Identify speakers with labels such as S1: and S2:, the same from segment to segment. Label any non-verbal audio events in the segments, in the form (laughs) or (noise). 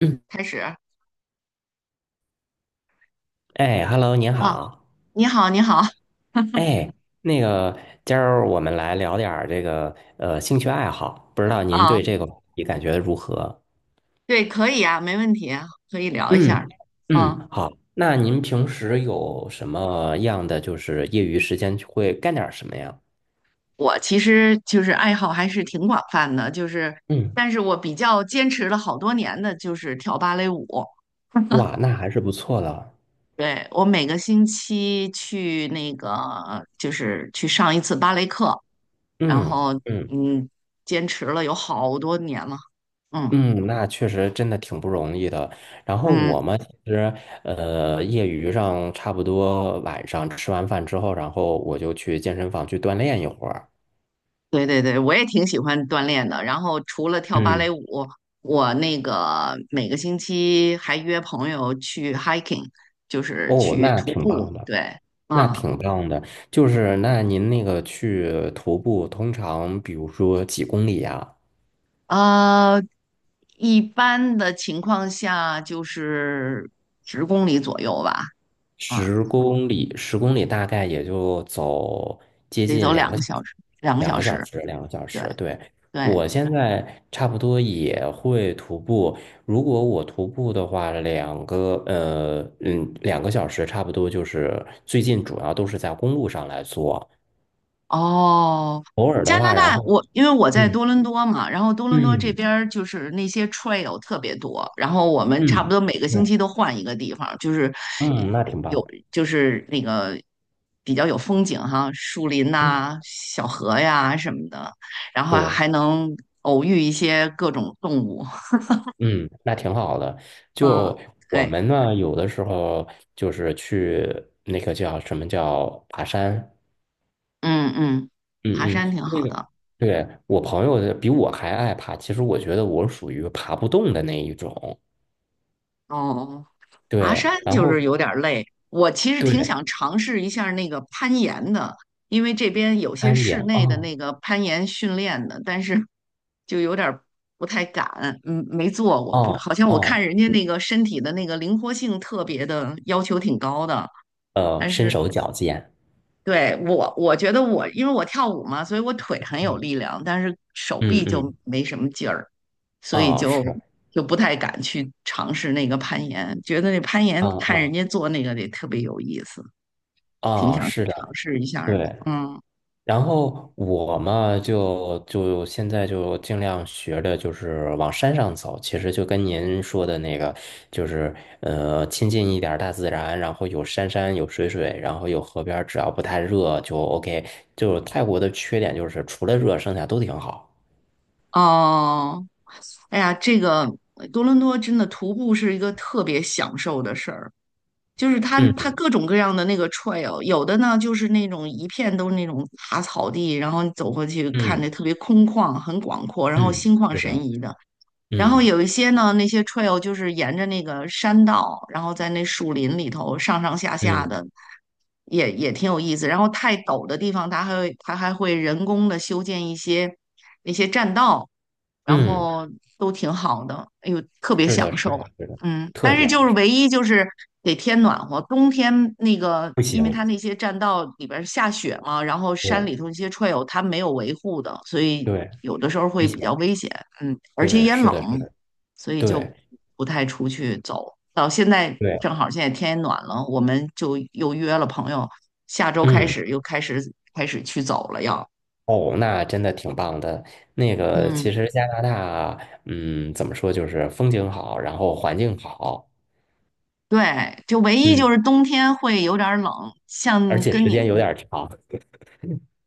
S1: 嗯。
S2: 开始啊。
S1: 哎，Hello，您好。
S2: 你好，你好
S1: 哎，那个，今儿我们来聊点儿这个兴趣爱好，不知道您
S2: 啊。
S1: 对这个你感觉如何？
S2: 对，可以啊，没问题啊，可以聊一下儿
S1: 嗯
S2: 啊。
S1: 嗯，好。那您平时有什么样的就是业余时间会干点儿什么呀？
S2: 我其实就是爱好还是挺广泛的，就是
S1: 嗯，
S2: 但是我比较坚持了好多年的就是跳芭蕾舞。
S1: 哇，那还是不错的。
S2: 对，我每个星期去去上一次芭蕾课，然
S1: 嗯
S2: 后
S1: 嗯
S2: 嗯，坚持了有好多年了，嗯
S1: 嗯，那确实真的挺不容易的。然后
S2: 嗯。
S1: 我们其实，业余上差不多晚上吃完饭之后，然后我就去健身房去锻炼一会儿。
S2: 对对对，我也挺喜欢锻炼的。然后除了跳芭蕾
S1: 嗯，
S2: 舞，我那个每个星期还约朋友去 hiking，就是
S1: 哦，
S2: 去
S1: 那
S2: 徒
S1: 挺
S2: 步。
S1: 棒的，
S2: 对。
S1: 那
S2: 嗯，
S1: 挺棒的。就是那您那个去徒步，通常比如说几公里呀？
S2: 呃，一般的情况下就是十公里左右吧，嗯，
S1: 十公里，十公里大概也就走接
S2: 得走
S1: 近两
S2: 两
S1: 个
S2: 个
S1: 小
S2: 小
S1: 时，
S2: 时，两个
S1: 两
S2: 小
S1: 个小
S2: 时。
S1: 时，两个小
S2: 对
S1: 时。对，
S2: 对。
S1: 我现在差不多也会徒步，如果我徒步的话，两个小时差不多就是最近主要都是在公路上来做，
S2: 哦，
S1: 偶尔的
S2: 加拿
S1: 话，然
S2: 大，
S1: 后
S2: 我因为我在
S1: 嗯
S2: 多伦多嘛，然后多伦多这
S1: 嗯
S2: 边儿就是那些 trail 特别多，然后我们差不
S1: 嗯，
S2: 多每个星
S1: 对，
S2: 期都换一个地方，就是
S1: 嗯，那挺
S2: 有
S1: 棒，
S2: 就是那个比较有风景哈，树林
S1: 嗯，
S2: 呐、小河呀什么的，然后
S1: 对。
S2: 还能偶遇一些各种动物。
S1: 嗯，那挺好的。
S2: (laughs) 嗯，
S1: 就我
S2: 对，
S1: 们呢，有的时候就是去那个叫什么叫爬山，
S2: 嗯嗯，爬
S1: 嗯嗯，
S2: 山挺
S1: 那
S2: 好
S1: 个
S2: 的，
S1: 对我朋友比我还爱爬，其实我觉得我属于爬不动的那一种。
S2: 哦。爬山
S1: 对，然
S2: 就是
S1: 后
S2: 有点儿累，我其实挺
S1: 对
S2: 想尝试一下那个攀岩的，因为这边有些
S1: 攀
S2: 室
S1: 岩，
S2: 内的
S1: 哦
S2: 那个攀岩训练的，但是 (laughs) 就有点儿不太敢，嗯，没做过，不，
S1: 哦
S2: 好像我看
S1: 哦，
S2: 人家那个身体的那个灵活性特别的要求挺高的，但
S1: 身
S2: 是
S1: 手矫健，
S2: 对，我觉得我，因为我跳舞嘛，所以我腿很有
S1: 嗯
S2: 力量，但是手
S1: 嗯
S2: 臂就
S1: 嗯，
S2: 没什么劲儿，所以
S1: 哦
S2: 就
S1: 是，
S2: 就不太敢去尝试那个攀岩。觉得那攀岩
S1: 嗯
S2: 看人
S1: 嗯
S2: 家做那个得特别有意思，挺
S1: 哦
S2: 想去
S1: 是
S2: 尝
S1: 的。
S2: 试一下儿的。
S1: 对，
S2: 嗯，
S1: 然后我嘛，就现在就尽量学着就是往山上走，其实就跟您说的那个，就是亲近一点儿大自然，然后有山山有水水，然后有河边儿，只要不太热就 OK。就是泰国的缺点就是除了热，剩下都挺好。
S2: 哦，哎呀，这个多伦多真的徒步是一个特别享受的事儿。就是它
S1: 嗯
S2: 各种各样的那个 trail，有的呢就是那种一片都是那种大草地，然后你走过去看着
S1: 嗯
S2: 特别空旷、很广阔，然后
S1: 嗯，
S2: 心旷
S1: 是
S2: 神
S1: 的，
S2: 怡的；然后
S1: 嗯
S2: 有一些呢，那些 trail 就是沿着那个山道，然后在那树林里头上上下下
S1: 嗯
S2: 的，也挺有意思。然后太陡的地方，它还会人工的修建一些那些栈道，然
S1: 嗯，
S2: 后都挺好的，哎呦，特别
S1: 是的，
S2: 享
S1: 是
S2: 受。
S1: 的，是的，
S2: 嗯，
S1: 特
S2: 但是
S1: 奖
S2: 就是唯一就是得天暖和，冬天那个，
S1: 不
S2: 因为它
S1: 行，
S2: 那些栈道里边儿下雪嘛，然后山
S1: 对
S2: 里头那些 trail 它没有维护的，所以
S1: 对，
S2: 有的时候
S1: 危
S2: 会比
S1: 险，
S2: 较危险，嗯，而且
S1: 对，
S2: 也
S1: 是
S2: 冷，
S1: 的，是的，
S2: 所以就
S1: 对
S2: 不太出去走。到现在
S1: 对，
S2: 正好现在天也暖了，我们就又约了朋友，下周开
S1: 嗯。
S2: 始又开始开始去走了要。
S1: 哦，那真的挺棒的。那个，
S2: 嗯，
S1: 其实加拿大，嗯，怎么说，就是风景好，然后环境好，
S2: 对，就唯一
S1: 嗯，
S2: 就是冬天会有点儿冷，
S1: 而
S2: 像
S1: 且
S2: 跟
S1: 时
S2: 你们
S1: 间有点儿长。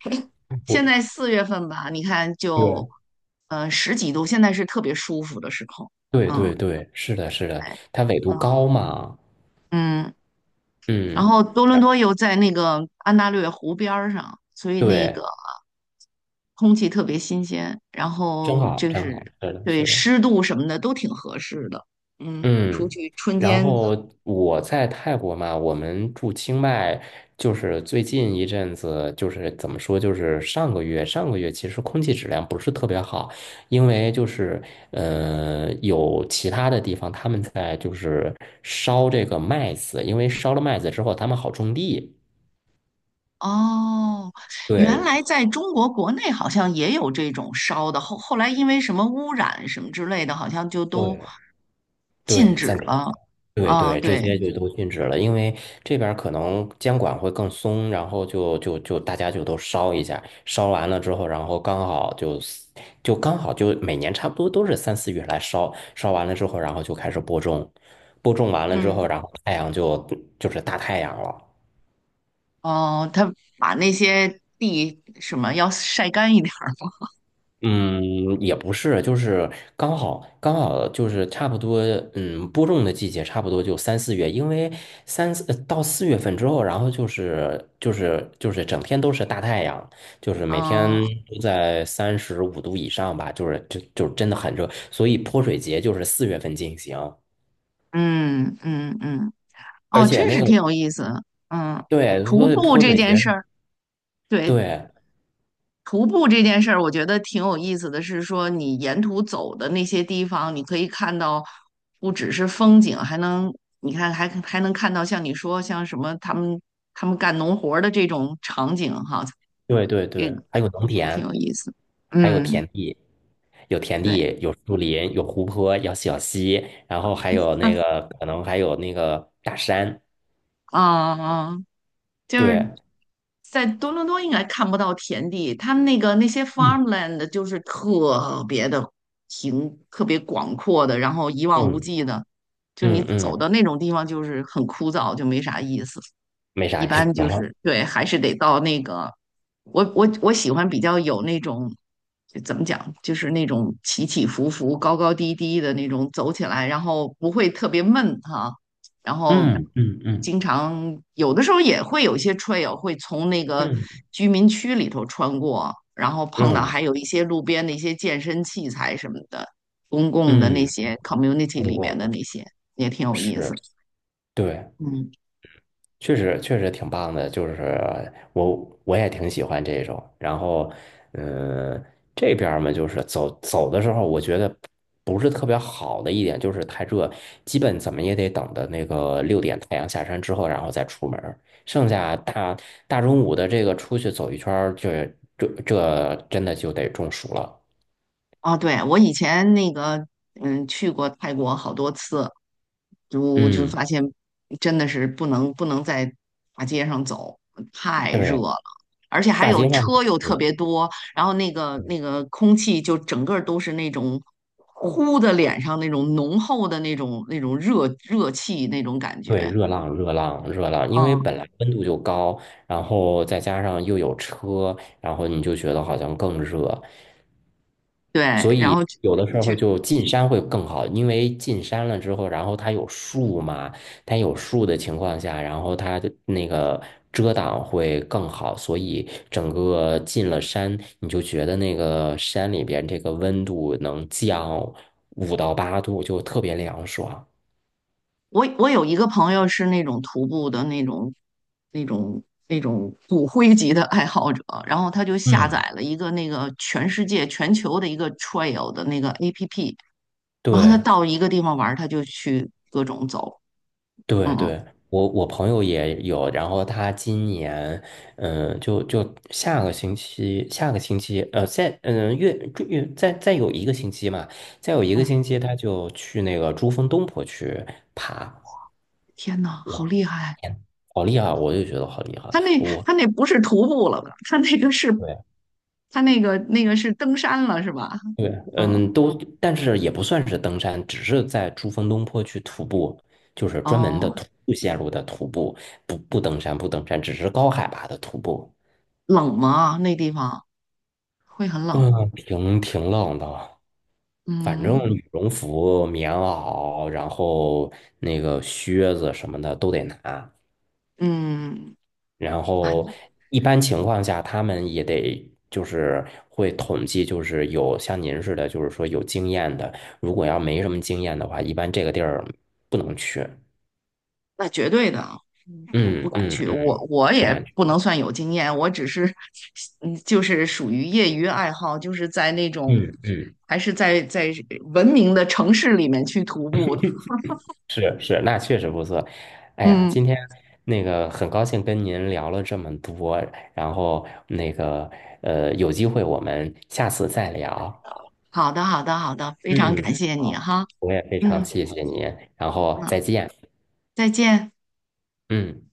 S2: (laughs)
S1: (laughs) 我
S2: 现在四月份吧，你看就
S1: 对
S2: 嗯、呃十几度，现在是特别舒服的时候，
S1: 对
S2: 嗯，
S1: 对对，是的，是的，
S2: 哎，
S1: 它纬度
S2: 嗯
S1: 高嘛，
S2: 嗯。然
S1: 嗯，
S2: 后多伦多又在那个安大略湖边儿上，所以那个
S1: 对，
S2: 空气特别新鲜，然
S1: 真
S2: 后
S1: 好，
S2: 就
S1: 真好，
S2: 是
S1: 是的，
S2: 对
S1: 是的。
S2: 湿度什么的都挺合适的。嗯，出
S1: 嗯，
S2: 去春
S1: 然
S2: 天
S1: 后我在泰国嘛，我们住清迈，就是最近一阵子，就是怎么说，就是上个月，上个月其实空气质量不是特别好，因为就是有其他的地方他们在就是烧这个麦子，因为烧了麦子之后，他们好种地。
S2: 哦。原
S1: 对
S2: 来在中国国内好像也有这种烧的，后来因为什么污染什么之类的，好像就都
S1: 对
S2: 禁
S1: 对，
S2: 止
S1: 暂停。
S2: 了。
S1: 对
S2: 啊，
S1: 对，这
S2: 对，
S1: 些就都禁止了，因为这边儿可能监管会更松，然后就大家就都烧一下，烧完了之后，然后刚好就就刚好就每年差不多都是三四月来烧，烧完了之后，然后就开始播种，播种完了之后，
S2: 嗯，
S1: 然后太阳就就是大太阳了。
S2: 哦，他把那些地什么要晒干一点儿。
S1: 嗯，也不是，就是刚好刚好就是差不多，嗯，播种的季节差不多就三四月，因为三四到四月份之后，然后就是整天都是大太阳，就是每天
S2: 嗯
S1: 都在35度以上吧，就是就真的很热，所以泼水节就是四月份进行。
S2: 嗯嗯嗯。
S1: 而
S2: 哦，
S1: 且
S2: 真
S1: 那
S2: 是
S1: 个
S2: 挺有意思。嗯，
S1: 对，
S2: 徒
S1: 所以
S2: 步
S1: 泼
S2: 这
S1: 水
S2: 件
S1: 节
S2: 事
S1: 是
S2: 儿，对，
S1: 对。
S2: 徒步这件事儿，我觉得挺有意思的是说，你沿途走的那些地方，你可以看到不只是风景，还能你看还能看到像你说像什么他们干农活儿的这种场景哈，
S1: 对对
S2: 这
S1: 对，
S2: 个
S1: 还有农
S2: 嗯挺
S1: 田，
S2: 有意思。
S1: 还有
S2: 嗯，
S1: 田地，有田
S2: 对，
S1: 地，有树林，有湖泊，有小溪，然后还有那个可能还有那个大山。
S2: 啊啊。啊就是
S1: 对，
S2: 在多伦多应该看不到田地，他们那个那些
S1: 嗯
S2: farmland 就是特别的平，特别广阔的，然后一望无
S1: 嗯
S2: 际的，就你
S1: 嗯
S2: 走
S1: 嗯，
S2: 到那种地方就是很枯燥，就没啥意思。
S1: 没啥
S2: 一
S1: 意思
S2: 般就
S1: 了。
S2: 是对，还是得到那个，我喜欢比较有那种，就怎么讲，就是那种起起伏伏、高高低低的那种走起来，然后不会特别闷哈、然后
S1: 嗯嗯嗯
S2: 经常有的时候也会有一些 trail 会从那个
S1: 嗯
S2: 居民区里头穿过，然后碰到
S1: 嗯
S2: 还有一些路边的一些健身器材什么的，公共的那
S1: 嗯，
S2: 些 community
S1: 通
S2: 里
S1: 过
S2: 面的
S1: 的
S2: 那些也挺有意思。
S1: 是，对。
S2: 嗯。
S1: 确实确实挺棒的，就是我也挺喜欢这种。然后，嗯，这边儿嘛，就是走走的时候，我觉得不是特别好的一点就是太热，基本怎么也得等到那个6点太阳下山之后，然后再出门儿剩下大中午的这个出去走一圈儿，这真的就得中暑了。
S2: 哦，对，我以前那个，嗯，去过泰国好多次，就
S1: 嗯，
S2: 发现真的是不能在大街上走，太热
S1: 对，
S2: 了，而且还
S1: 大
S2: 有
S1: 街上。
S2: 车又特别多，然后那个空气就整个儿都是那种呼的脸上那种浓厚的那种热热气那种感觉，
S1: 对，热浪，热浪，热浪，因为
S2: 嗯，
S1: 本来温度就高，然后再加上又有车，然后你就觉得好像更热，
S2: 对，
S1: 所
S2: 然
S1: 以
S2: 后去。
S1: 有的时候就进山会更好，因为进山了之后，然后它有树嘛，它有树的情况下，然后它的那个遮挡会更好，所以整个进了山，你就觉得那个山里边这个温度能降5到8度，就特别凉爽。
S2: 我我有一个朋友是那种徒步的那种骨灰级的爱好者，然后他就下
S1: 嗯，
S2: 载了一个那个全世界、全球的一个 trail 的那个 APP，然后他
S1: 对。
S2: 到一个地方玩儿他就去各种走。
S1: 对
S2: 嗯
S1: 对，我朋友也有，然后他今年，嗯、就下个星期，下个星期，再月再有一个星期嘛，再有一个
S2: 嗯，
S1: 星期，他就去那个珠峰东坡去爬，
S2: 天呐，
S1: 哇，
S2: 好厉害！
S1: 天，好厉害！我就觉得好厉害，
S2: 他那
S1: 我
S2: 他那不是徒步了吧？他那个是
S1: 对
S2: 他那个是登山了是吧？
S1: 对。
S2: 嗯，
S1: 嗯，都，但是也不算是登山，只是在珠峰东坡去徒步，就是专门的
S2: 哦，
S1: 徒步线路的徒步，不不登山不登山，只是高海拔的徒步。
S2: 冷吗？那地方会很冷。
S1: 嗯，挺冷的，反正
S2: 嗯
S1: 羽绒服、棉袄，然后那个靴子什么的都得拿。
S2: 嗯。
S1: 然
S2: 哎，
S1: 后一般情况下，他们也得就是会统计，就是有像您似的，就是说有经验的。如果要没什么经验的话，一般这个地儿不能去。
S2: 那绝对的，嗯，我不
S1: 嗯
S2: 敢
S1: 嗯
S2: 去。
S1: 嗯，
S2: 我
S1: 不
S2: 也
S1: 敢去。
S2: 不能算有经验，我只是，嗯，就是属于业余爱好，就是在那种，
S1: 嗯嗯。
S2: 还是在文明的城市里面去徒步的。
S1: 是是，那确实不错。哎呀，
S2: 嗯，
S1: 今天那个很高兴跟您聊了这么多，然后那个有机会我们下次再聊。
S2: 好的，好的，好的，非常感
S1: 嗯，
S2: 谢你
S1: 好，
S2: 哈。
S1: 我也非
S2: 嗯
S1: 常
S2: 嗯
S1: 谢谢您，然后
S2: 嗯，
S1: 再见。
S2: 再见。
S1: 嗯。